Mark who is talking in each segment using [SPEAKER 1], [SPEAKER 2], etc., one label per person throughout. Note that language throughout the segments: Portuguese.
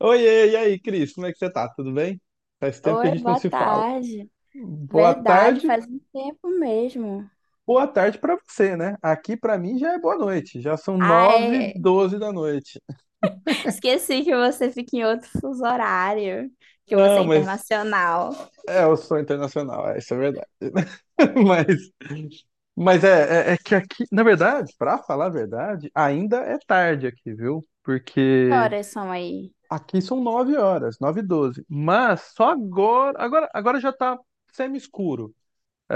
[SPEAKER 1] Oiê, e aí, Cris, como é que você tá? Tudo bem? Faz tempo que a
[SPEAKER 2] Oi,
[SPEAKER 1] gente não
[SPEAKER 2] boa
[SPEAKER 1] se fala.
[SPEAKER 2] tarde.
[SPEAKER 1] Boa
[SPEAKER 2] Verdade,
[SPEAKER 1] tarde,
[SPEAKER 2] faz um tempo mesmo.
[SPEAKER 1] boa tarde pra você, né? Aqui pra mim já é boa noite, já são nove
[SPEAKER 2] Ai,
[SPEAKER 1] doze da noite.
[SPEAKER 2] esqueci que você fica em outro fuso horário, que você é
[SPEAKER 1] Não, mas
[SPEAKER 2] internacional.
[SPEAKER 1] eu sou internacional, é, isso é verdade. Mas, mas é que aqui, na verdade, pra falar a verdade, ainda é tarde aqui, viu?
[SPEAKER 2] Que
[SPEAKER 1] Porque
[SPEAKER 2] horas são aí?
[SPEAKER 1] aqui são 9 horas, 9 e 12, mas só agora já tá semi-escuro.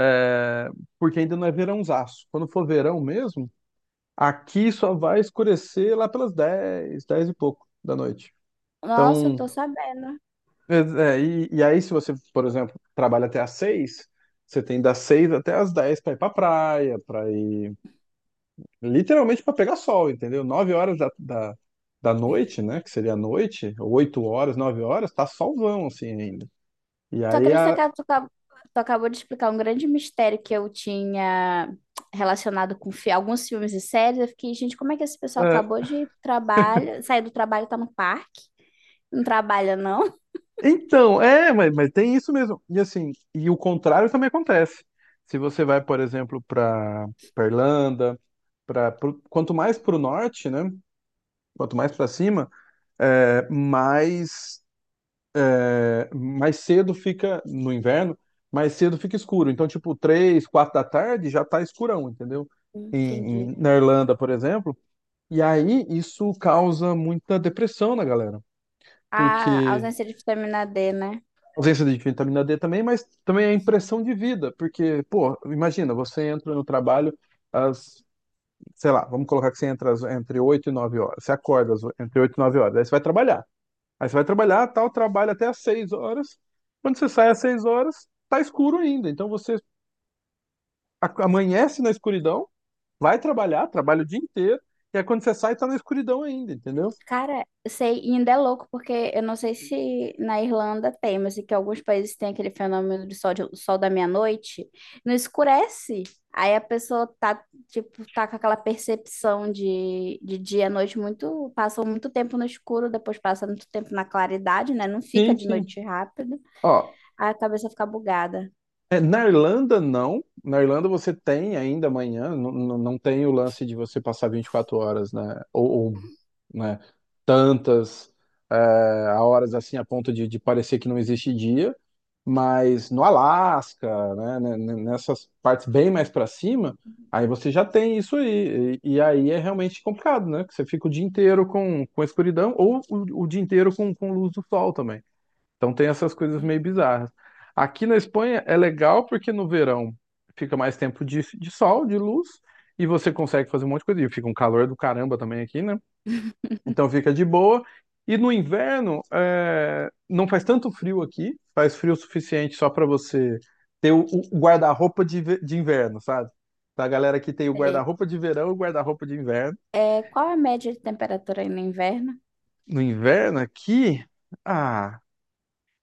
[SPEAKER 1] É, porque ainda não é verãozaço. Quando for verão mesmo, aqui só vai escurecer lá pelas 10, 10 e pouco da noite.
[SPEAKER 2] Nossa, eu tô
[SPEAKER 1] Então,
[SPEAKER 2] sabendo.
[SPEAKER 1] e aí se você, por exemplo, trabalha até às 6, você tem das 6 até às 10 para ir para praia, para ir literalmente para pegar sol, entendeu? 9 horas da noite, né, que seria a noite, 8 horas, 9 horas, tá solzão assim ainda. E
[SPEAKER 2] Tu
[SPEAKER 1] aí
[SPEAKER 2] acredita
[SPEAKER 1] a,
[SPEAKER 2] que tu acabou de explicar um grande mistério que eu tinha relacionado com alguns filmes e séries? Eu fiquei, gente, como é que esse pessoal acabou de trabalho, sair do trabalho e tá no parque? Não trabalha, não?
[SPEAKER 1] Então, mas tem isso mesmo. E assim, e o contrário também acontece. Se você vai, por exemplo, para Irlanda, para quanto mais para o norte, né? Quanto mais para cima, é, mais é, mais cedo fica no inverno, mais cedo fica escuro. Então, tipo, três, quatro da tarde já tá escurão, entendeu?
[SPEAKER 2] Entendi.
[SPEAKER 1] Na Irlanda, por exemplo. E aí isso causa muita depressão na galera,
[SPEAKER 2] A
[SPEAKER 1] porque
[SPEAKER 2] ausência de vitamina D, né?
[SPEAKER 1] ausência de vitamina D também, mas também é a impressão de vida, porque, pô, imagina, você entra no trabalho às, sei lá, vamos colocar que você entra entre 8 e 9 horas, você acorda entre 8 e 9 horas, aí você vai trabalhar. Aí você vai trabalhar, tal, trabalha até às 6 horas. Quando você sai às 6 horas, tá escuro ainda. Então você amanhece na escuridão, vai trabalhar, trabalha o dia inteiro, e aí quando você sai, tá na escuridão ainda, entendeu?
[SPEAKER 2] Cara, eu sei, e ainda é louco, porque eu não sei se na Irlanda tem, mas é que alguns países têm aquele fenômeno do sol, sol da meia-noite, não escurece. Aí a pessoa tá, tipo, tá com aquela percepção de dia à noite muito, passa muito tempo no escuro, depois passa muito tempo na claridade, né? Não fica
[SPEAKER 1] Sim,
[SPEAKER 2] de
[SPEAKER 1] sim.
[SPEAKER 2] noite rápido,
[SPEAKER 1] Ó,
[SPEAKER 2] aí a cabeça fica bugada.
[SPEAKER 1] é, na Irlanda, não. Na Irlanda você tem ainda amanhã, não tem o lance de você passar 24 horas, né? Ou, né, tantas é, a horas assim a ponto de parecer que não existe dia. Mas no Alasca, né, nessas partes bem mais para cima, aí você já tem isso aí. E aí é realmente complicado, né? Que você fica o dia inteiro com escuridão ou o dia inteiro com luz do sol também. Então tem essas coisas meio bizarras. Aqui na Espanha é legal porque no verão fica mais tempo de sol, de luz, e você consegue fazer um monte de coisa. E fica um calor do caramba também aqui, né? Então fica de boa. E no inverno, não faz tanto frio aqui, faz frio o suficiente só para você ter o guarda-roupa de inverno, sabe? Da galera que tem o
[SPEAKER 2] Sei.
[SPEAKER 1] guarda-roupa de verão e o guarda-roupa de inverno.
[SPEAKER 2] É, qual é a média de temperatura aí no inverno?
[SPEAKER 1] No inverno aqui, ah,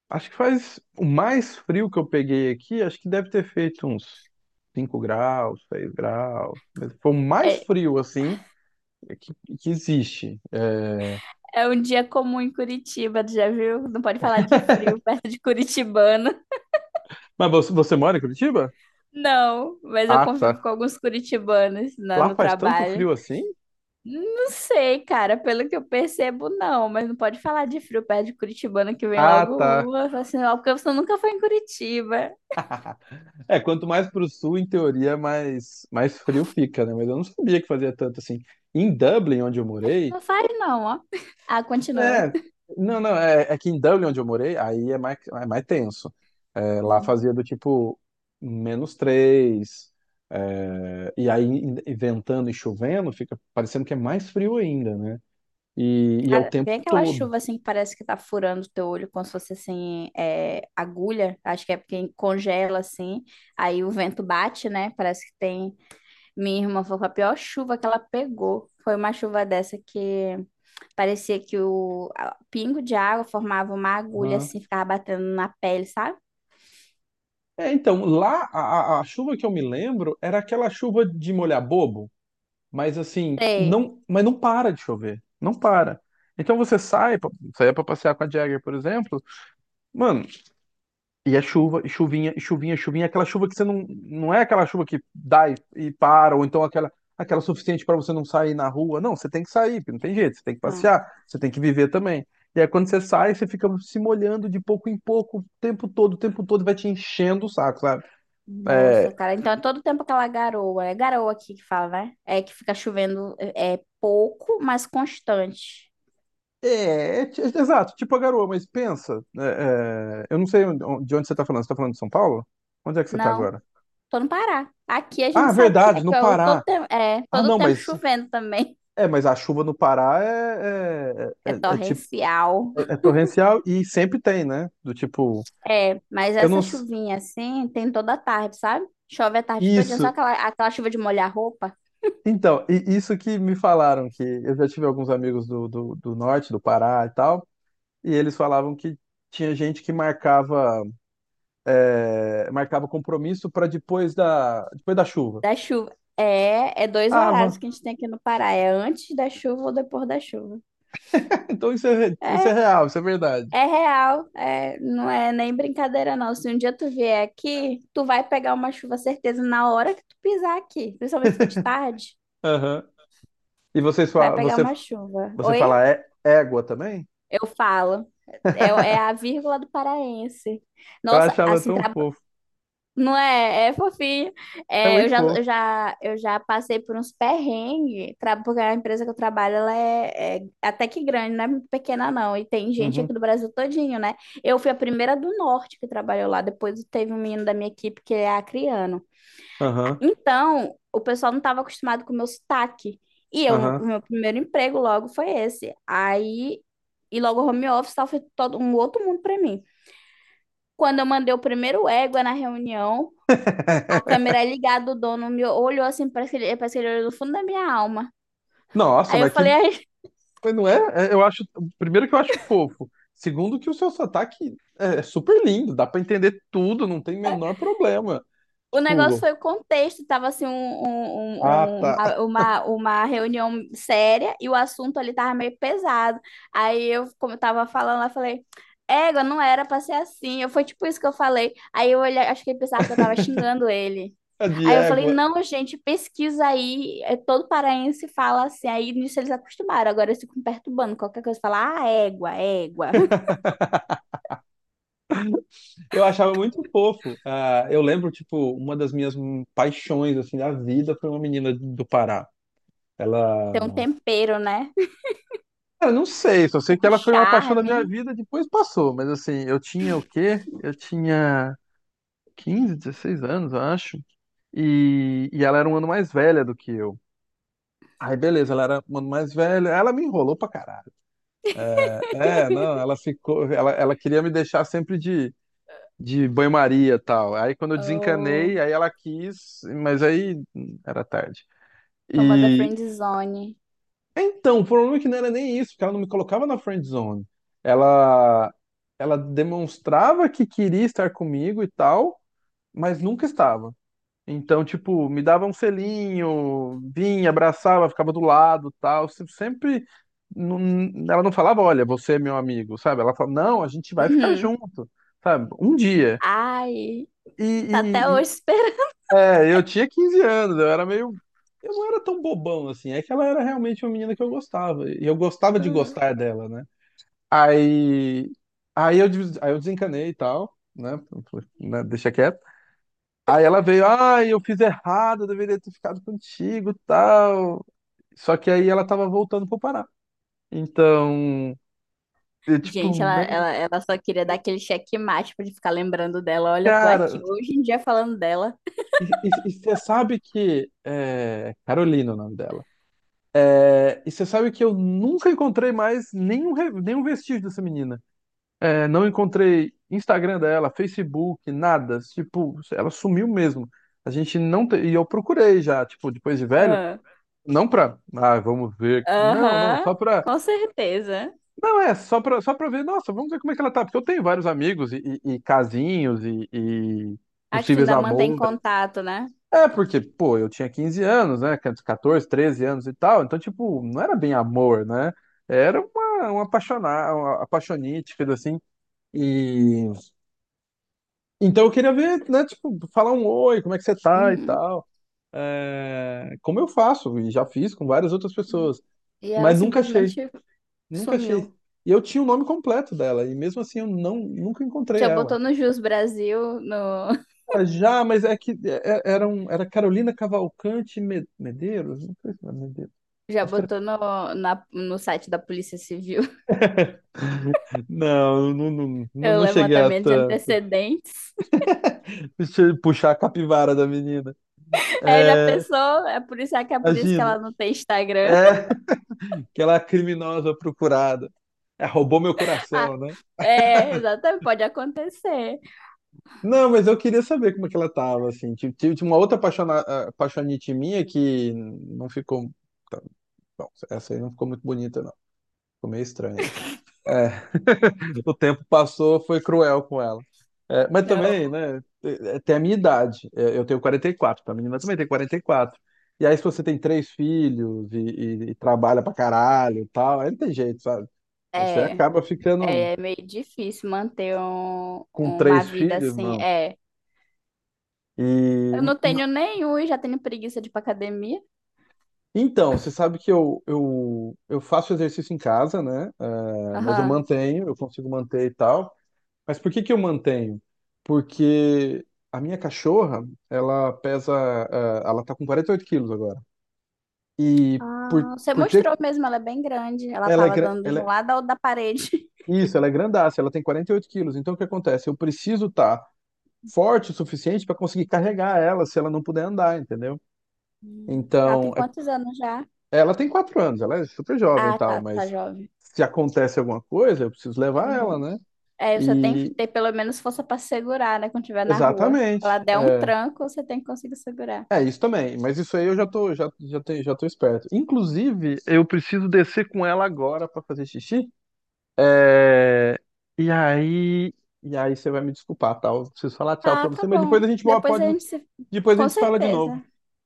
[SPEAKER 1] acho que faz o mais frio que eu peguei aqui, acho que deve ter feito uns 5 graus, 6 graus. Mas foi o mais
[SPEAKER 2] É,
[SPEAKER 1] frio, assim, que, que existe. É,
[SPEAKER 2] é um dia comum em Curitiba, tu já viu? Não pode falar de frio perto de Curitibano.
[SPEAKER 1] mas você, você mora em Curitiba?
[SPEAKER 2] Não, mas eu
[SPEAKER 1] Ah,
[SPEAKER 2] convivo
[SPEAKER 1] tá.
[SPEAKER 2] com alguns curitibanos
[SPEAKER 1] Lá
[SPEAKER 2] no
[SPEAKER 1] faz tanto
[SPEAKER 2] trabalho.
[SPEAKER 1] frio assim?
[SPEAKER 2] Não sei, cara, pelo que eu percebo, não, mas não pode falar de frio perto de curitibano que vem
[SPEAKER 1] Ah,
[SPEAKER 2] logo
[SPEAKER 1] tá.
[SPEAKER 2] uma, fala assim, ó, porque você nunca foi em Curitiba.
[SPEAKER 1] É, quanto mais pro sul, em teoria, mais, mais frio fica, né? Mas eu não sabia que fazia tanto assim. Em Dublin, onde eu
[SPEAKER 2] Acho que
[SPEAKER 1] morei,
[SPEAKER 2] não faz, não, ó. Ah, continua.
[SPEAKER 1] É, não, não, é, é que em Dublin, onde eu morei, aí é mais tenso. É, lá
[SPEAKER 2] Hum.
[SPEAKER 1] fazia do tipo menos três, e ventando e chovendo, fica parecendo que é mais frio ainda, né? É o
[SPEAKER 2] Cara,
[SPEAKER 1] tempo
[SPEAKER 2] vem aquela
[SPEAKER 1] todo.
[SPEAKER 2] chuva assim que parece que tá furando o teu olho, como se fosse assim, é, agulha. Acho que é porque congela assim, aí o vento bate, né? Parece que tem. Minha irmã foi com a pior chuva que ela pegou. Foi uma chuva dessa que. Parecia que o o pingo de água formava uma agulha
[SPEAKER 1] Aham.
[SPEAKER 2] assim, ficava batendo na pele, sabe?
[SPEAKER 1] A chuva que eu me lembro era aquela chuva de molhar bobo, mas assim,
[SPEAKER 2] Sei.
[SPEAKER 1] não, mas não para de chover, não para. Então você sai, pra- saia pra passear com a Jagger, por exemplo, mano, e é chuva, e chuvinha, aquela chuva que você não é aquela chuva que dá e para, ou então aquela, aquela suficiente para você não sair na rua. Não, você tem que sair, porque não tem jeito, você tem que
[SPEAKER 2] Ah,
[SPEAKER 1] passear, você tem que viver também. E aí quando você sai, você fica se molhando de pouco em pouco, o tempo todo, vai te enchendo o saco, sabe?
[SPEAKER 2] nossa,
[SPEAKER 1] É,
[SPEAKER 2] cara. Então é todo tempo aquela garoa. É garoa aqui que fala, né? É que fica chovendo é, é pouco, mas constante.
[SPEAKER 1] é exato, tipo a garoa, mas pensa, eu não sei de onde você tá falando de São Paulo? Onde é que você tá
[SPEAKER 2] Não,
[SPEAKER 1] agora?
[SPEAKER 2] tô no Pará. Aqui a
[SPEAKER 1] Ah,
[SPEAKER 2] gente sabe que é,
[SPEAKER 1] verdade, no
[SPEAKER 2] que eu todo
[SPEAKER 1] Pará.
[SPEAKER 2] tempo, é
[SPEAKER 1] Ah,
[SPEAKER 2] todo
[SPEAKER 1] não,
[SPEAKER 2] tempo
[SPEAKER 1] mas
[SPEAKER 2] chovendo também.
[SPEAKER 1] é, mas a chuva no Pará é, é,
[SPEAKER 2] É
[SPEAKER 1] é, é é tipo,
[SPEAKER 2] torrencial.
[SPEAKER 1] é torrencial e sempre tem, né? Do tipo,
[SPEAKER 2] É, mas
[SPEAKER 1] eu não.
[SPEAKER 2] essa
[SPEAKER 1] s-
[SPEAKER 2] chuvinha assim tem toda tarde, sabe? Chove a tarde todinha, só
[SPEAKER 1] isso.
[SPEAKER 2] aquela, aquela chuva de molhar roupa.
[SPEAKER 1] Então, e isso que me falaram, que eu já tive alguns amigos do norte, do Pará e tal, e eles falavam que tinha gente que marcava compromisso para depois depois da chuva.
[SPEAKER 2] Da chuva. É, é dois
[SPEAKER 1] Ah,
[SPEAKER 2] horários
[SPEAKER 1] van.
[SPEAKER 2] que a gente tem aqui no Pará. É antes da chuva ou depois da chuva.
[SPEAKER 1] Então isso é, isso é
[SPEAKER 2] É,
[SPEAKER 1] real, isso é verdade.
[SPEAKER 2] é real. É, não é nem brincadeira, não. Se um dia tu vier aqui, tu vai pegar uma chuva, certeza, na hora que tu pisar aqui. Principalmente se for de tarde,
[SPEAKER 1] Aham. E vocês,
[SPEAKER 2] vai
[SPEAKER 1] fa-
[SPEAKER 2] pegar
[SPEAKER 1] você,
[SPEAKER 2] uma chuva.
[SPEAKER 1] você
[SPEAKER 2] Oi?
[SPEAKER 1] fala égua também?
[SPEAKER 2] Eu falo. É, é a vírgula do paraense.
[SPEAKER 1] Eu
[SPEAKER 2] Nossa,
[SPEAKER 1] achava
[SPEAKER 2] assim,
[SPEAKER 1] tão
[SPEAKER 2] tra
[SPEAKER 1] fofo.
[SPEAKER 2] Não é? É fofinho.
[SPEAKER 1] É
[SPEAKER 2] É, eu
[SPEAKER 1] muito
[SPEAKER 2] já, eu
[SPEAKER 1] fofo.
[SPEAKER 2] já, eu já passei por uns perrengues, porque a empresa que eu trabalho, ela é, é até que grande, não é muito pequena não. E tem gente
[SPEAKER 1] Uhum.
[SPEAKER 2] aqui do Brasil todinho, né? Eu fui a primeira do Norte que trabalhou lá. Depois teve um menino da minha equipe que é acriano.
[SPEAKER 1] Aham,
[SPEAKER 2] Então, o pessoal não estava acostumado com o meu sotaque. E eu, o
[SPEAKER 1] aham.
[SPEAKER 2] meu primeiro emprego logo foi esse. Aí, e logo home office, tal, foi todo um outro mundo para mim. Quando eu mandei o primeiro égua na reunião, a câmera ligada, o dono me olhou assim, parece que ele olhou do fundo da minha alma.
[SPEAKER 1] Nossa,
[SPEAKER 2] Aí eu
[SPEAKER 1] mas que.
[SPEAKER 2] falei, "Ai,
[SPEAKER 1] Mas não é? É, eu acho. Primeiro que eu acho fofo. Segundo que o seu sotaque é super lindo, dá pra entender tudo, não tem menor problema.
[SPEAKER 2] o negócio
[SPEAKER 1] Tipo,
[SPEAKER 2] foi o contexto, tava assim um,
[SPEAKER 1] ah,
[SPEAKER 2] um- um- uma,
[SPEAKER 1] tá.
[SPEAKER 2] uma, uma reunião séria e o assunto ali tava meio pesado. Aí eu, como eu tava falando, eu falei, égua, não era pra ser assim. Eu, foi tipo isso que eu falei. Aí eu olhei, acho que ele pensava que eu tava xingando ele.
[SPEAKER 1] De
[SPEAKER 2] Aí eu falei,
[SPEAKER 1] égua.
[SPEAKER 2] não, gente, pesquisa aí, é, todo paraense fala assim. Aí nisso eles acostumaram, agora eles ficam perturbando, qualquer coisa, fala, ah, égua, égua.
[SPEAKER 1] Eu achava muito fofo. Ah, eu lembro, tipo, uma das minhas paixões, assim, da vida foi uma menina do Pará.
[SPEAKER 2] Tem um
[SPEAKER 1] Ela.
[SPEAKER 2] tempero, né?
[SPEAKER 1] Cara, não sei, só sei que
[SPEAKER 2] Um
[SPEAKER 1] ela foi uma paixão da minha
[SPEAKER 2] charme.
[SPEAKER 1] vida, depois passou, mas assim, eu tinha o quê? Eu tinha 15, 16 anos, eu acho. E ela era um ano mais velha do que eu. Aí, beleza, ela era um ano mais velha. Ela me enrolou pra caralho. É, não, ela ficou. Ela queria me deixar sempre de banho-maria e tal. Aí, quando eu desencanei,
[SPEAKER 2] Oh,
[SPEAKER 1] aí ela quis, mas aí era tarde.
[SPEAKER 2] famosa
[SPEAKER 1] E.
[SPEAKER 2] friendzone.
[SPEAKER 1] Então, o problema é que não era nem isso, porque ela não me colocava na friend zone. Ela, ela demonstrava que queria estar comigo e tal, mas nunca estava. Então, tipo, me dava um selinho, vinha, abraçava, ficava do lado, tal. Sempre ela não falava, olha, você é meu amigo, sabe? Ela falava, não, a gente vai ficar
[SPEAKER 2] Uhum.
[SPEAKER 1] junto, sabe? Um dia.
[SPEAKER 2] Ai,
[SPEAKER 1] E,
[SPEAKER 2] tá até
[SPEAKER 1] e- e-
[SPEAKER 2] hoje esperando.
[SPEAKER 1] eu tinha 15 anos, eu era meio, eu não era tão bobão assim. É que ela era realmente uma menina que eu gostava, e eu gostava de
[SPEAKER 2] Uhum.
[SPEAKER 1] gostar dela, né? Aí, aí eu, des- aí eu desencanei e tal, né? Falei, né, deixa quieto. Aí ela veio, ai, eu fiz errado, eu deveria ter ficado contigo, tal. Só que aí ela tava voltando pro Pará. Então, eu, tipo,
[SPEAKER 2] Gente, ela,
[SPEAKER 1] nem,
[SPEAKER 2] ela, ela só queria dar aquele checkmate pra gente ficar lembrando dela. Olha, tô aqui
[SPEAKER 1] cara,
[SPEAKER 2] hoje em dia falando dela.
[SPEAKER 1] e você sabe que Carolina, é o nome dela. É, e você sabe que eu nunca encontrei mais nenhum vestígio dessa menina. É, não encontrei Instagram dela, Facebook, nada. Tipo, ela sumiu mesmo. A gente não te... E eu procurei já, tipo, depois de velho,
[SPEAKER 2] Aham.
[SPEAKER 1] não pra, ah, vamos ver. Não,
[SPEAKER 2] Aham,
[SPEAKER 1] só pra
[SPEAKER 2] com certeza.
[SPEAKER 1] não, só pra ver, nossa, vamos ver como é que ela tá, porque eu tenho vários amigos e casinhos e
[SPEAKER 2] A que tu
[SPEAKER 1] possíveis
[SPEAKER 2] ainda mantém
[SPEAKER 1] amores.
[SPEAKER 2] contato, né?
[SPEAKER 1] É, porque, pô, eu tinha 15 anos, né, 14, 13 anos e tal, então, tipo, não era bem amor, né? Era uma apaixonar, uma apaixonite, coisa assim. E então eu queria ver, né, tipo, falar um oi, como é que você tá e
[SPEAKER 2] Uhum.
[SPEAKER 1] tal. É, como eu faço, e já fiz com várias outras pessoas,
[SPEAKER 2] E ela
[SPEAKER 1] mas nunca achei.
[SPEAKER 2] simplesmente
[SPEAKER 1] Nunca
[SPEAKER 2] sumiu.
[SPEAKER 1] achei. E eu tinha o nome completo dela, e mesmo assim eu nunca encontrei
[SPEAKER 2] Já
[SPEAKER 1] ela.
[SPEAKER 2] botou no Jus Brasil, no,
[SPEAKER 1] Ela já, mas é era, era Carolina Cavalcante Medeiros? Não sei se era Medeiros.
[SPEAKER 2] já
[SPEAKER 1] Acho que era.
[SPEAKER 2] botou no, no site da Polícia Civil
[SPEAKER 1] Não,
[SPEAKER 2] o
[SPEAKER 1] não cheguei a
[SPEAKER 2] levantamento de
[SPEAKER 1] tanto.
[SPEAKER 2] antecedentes.
[SPEAKER 1] Deixa eu puxar a capivara da menina.
[SPEAKER 2] É, já
[SPEAKER 1] É,
[SPEAKER 2] pensou? É por isso é que é
[SPEAKER 1] a
[SPEAKER 2] por isso que
[SPEAKER 1] Gina.
[SPEAKER 2] ela não tem Instagram.
[SPEAKER 1] É, aquela criminosa procurada. É, roubou meu
[SPEAKER 2] Ah,
[SPEAKER 1] coração, né?
[SPEAKER 2] é, exatamente, pode acontecer.
[SPEAKER 1] Não, mas eu queria saber como é que ela tava, assim. Tive uma outra apaixona, apaixonite minha que não ficou. Bom, essa aí não ficou muito bonita, não. Ficou meio estranha. É, o tempo passou, foi cruel com ela. É, mas
[SPEAKER 2] Não,
[SPEAKER 1] também, né, tem a minha idade. É, eu tenho quarenta e quatro, a menina também tem 44. E quatro. E aí, se você tem três filhos e trabalha pra caralho e tal, aí não tem jeito, sabe? Aí você
[SPEAKER 2] é,
[SPEAKER 1] acaba ficando
[SPEAKER 2] é é meio difícil manter
[SPEAKER 1] com
[SPEAKER 2] uma
[SPEAKER 1] três
[SPEAKER 2] vida
[SPEAKER 1] filhos,
[SPEAKER 2] assim.
[SPEAKER 1] mano.
[SPEAKER 2] É,
[SPEAKER 1] E
[SPEAKER 2] eu não
[SPEAKER 1] ma-
[SPEAKER 2] tenho nenhum e já tenho preguiça de ir pra academia.
[SPEAKER 1] então, você sabe que eu faço exercício em casa, né? É, mas eu
[SPEAKER 2] Aham.
[SPEAKER 1] mantenho, eu consigo manter e tal. Mas por que que eu mantenho? Porque a minha cachorra, ela pesa, ela tá com 48 quilos agora. E
[SPEAKER 2] Ah, você
[SPEAKER 1] por
[SPEAKER 2] mostrou
[SPEAKER 1] ter,
[SPEAKER 2] mesmo, ela é bem grande. Ela
[SPEAKER 1] ela é,
[SPEAKER 2] tava
[SPEAKER 1] gra-
[SPEAKER 2] dando de
[SPEAKER 1] ela
[SPEAKER 2] um
[SPEAKER 1] é-
[SPEAKER 2] lado ao da parede.
[SPEAKER 1] isso, ela é grandaça, ela tem 48 quilos. Então o que acontece? Eu preciso estar forte o suficiente para conseguir carregar ela se ela não puder andar, entendeu?
[SPEAKER 2] Hum. Ela
[SPEAKER 1] Então,
[SPEAKER 2] tem
[SPEAKER 1] é-
[SPEAKER 2] quantos anos já?
[SPEAKER 1] ela tem 4 anos, ela é super jovem e
[SPEAKER 2] Ah,
[SPEAKER 1] tal,
[SPEAKER 2] tá, tá
[SPEAKER 1] mas
[SPEAKER 2] jovem.
[SPEAKER 1] se acontece alguma coisa, eu preciso levar ela,
[SPEAKER 2] Uhum.
[SPEAKER 1] né?
[SPEAKER 2] É, você tem que
[SPEAKER 1] E
[SPEAKER 2] ter pelo menos força para segurar, né? Quando estiver na rua. Se ela
[SPEAKER 1] exatamente.
[SPEAKER 2] der um
[SPEAKER 1] É.
[SPEAKER 2] tranco, você tem que conseguir segurar.
[SPEAKER 1] É, isso também, mas isso aí eu já tô, já tô esperto. Inclusive, eu preciso descer com ela agora pra fazer xixi. É, E aí, e aí você vai me desculpar, tá? Eu preciso falar tchau
[SPEAKER 2] Ah,
[SPEAKER 1] pra
[SPEAKER 2] tá
[SPEAKER 1] você, mas
[SPEAKER 2] bom. Depois a gente se...
[SPEAKER 1] depois a
[SPEAKER 2] Com
[SPEAKER 1] gente se fala de novo.
[SPEAKER 2] certeza.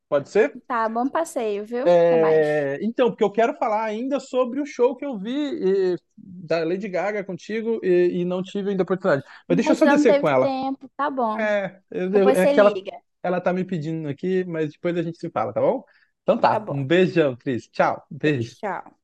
[SPEAKER 1] Pode ser?
[SPEAKER 2] Tá, bom passeio, viu? Até mais.
[SPEAKER 1] É, então, porque eu quero falar ainda sobre o show que eu vi da Lady Gaga contigo e não tive ainda oportunidade. Mas
[SPEAKER 2] A
[SPEAKER 1] deixa eu
[SPEAKER 2] gente
[SPEAKER 1] só
[SPEAKER 2] não
[SPEAKER 1] descer com
[SPEAKER 2] teve
[SPEAKER 1] ela.
[SPEAKER 2] tempo, tá bom. Depois
[SPEAKER 1] É
[SPEAKER 2] você
[SPEAKER 1] que ela,
[SPEAKER 2] liga.
[SPEAKER 1] ela tá me pedindo aqui, mas depois a gente se fala, tá bom? Então
[SPEAKER 2] Tá
[SPEAKER 1] tá, um
[SPEAKER 2] bom.
[SPEAKER 1] beijão, Cris. Tchau,
[SPEAKER 2] Beijo,
[SPEAKER 1] beijo.
[SPEAKER 2] tchau.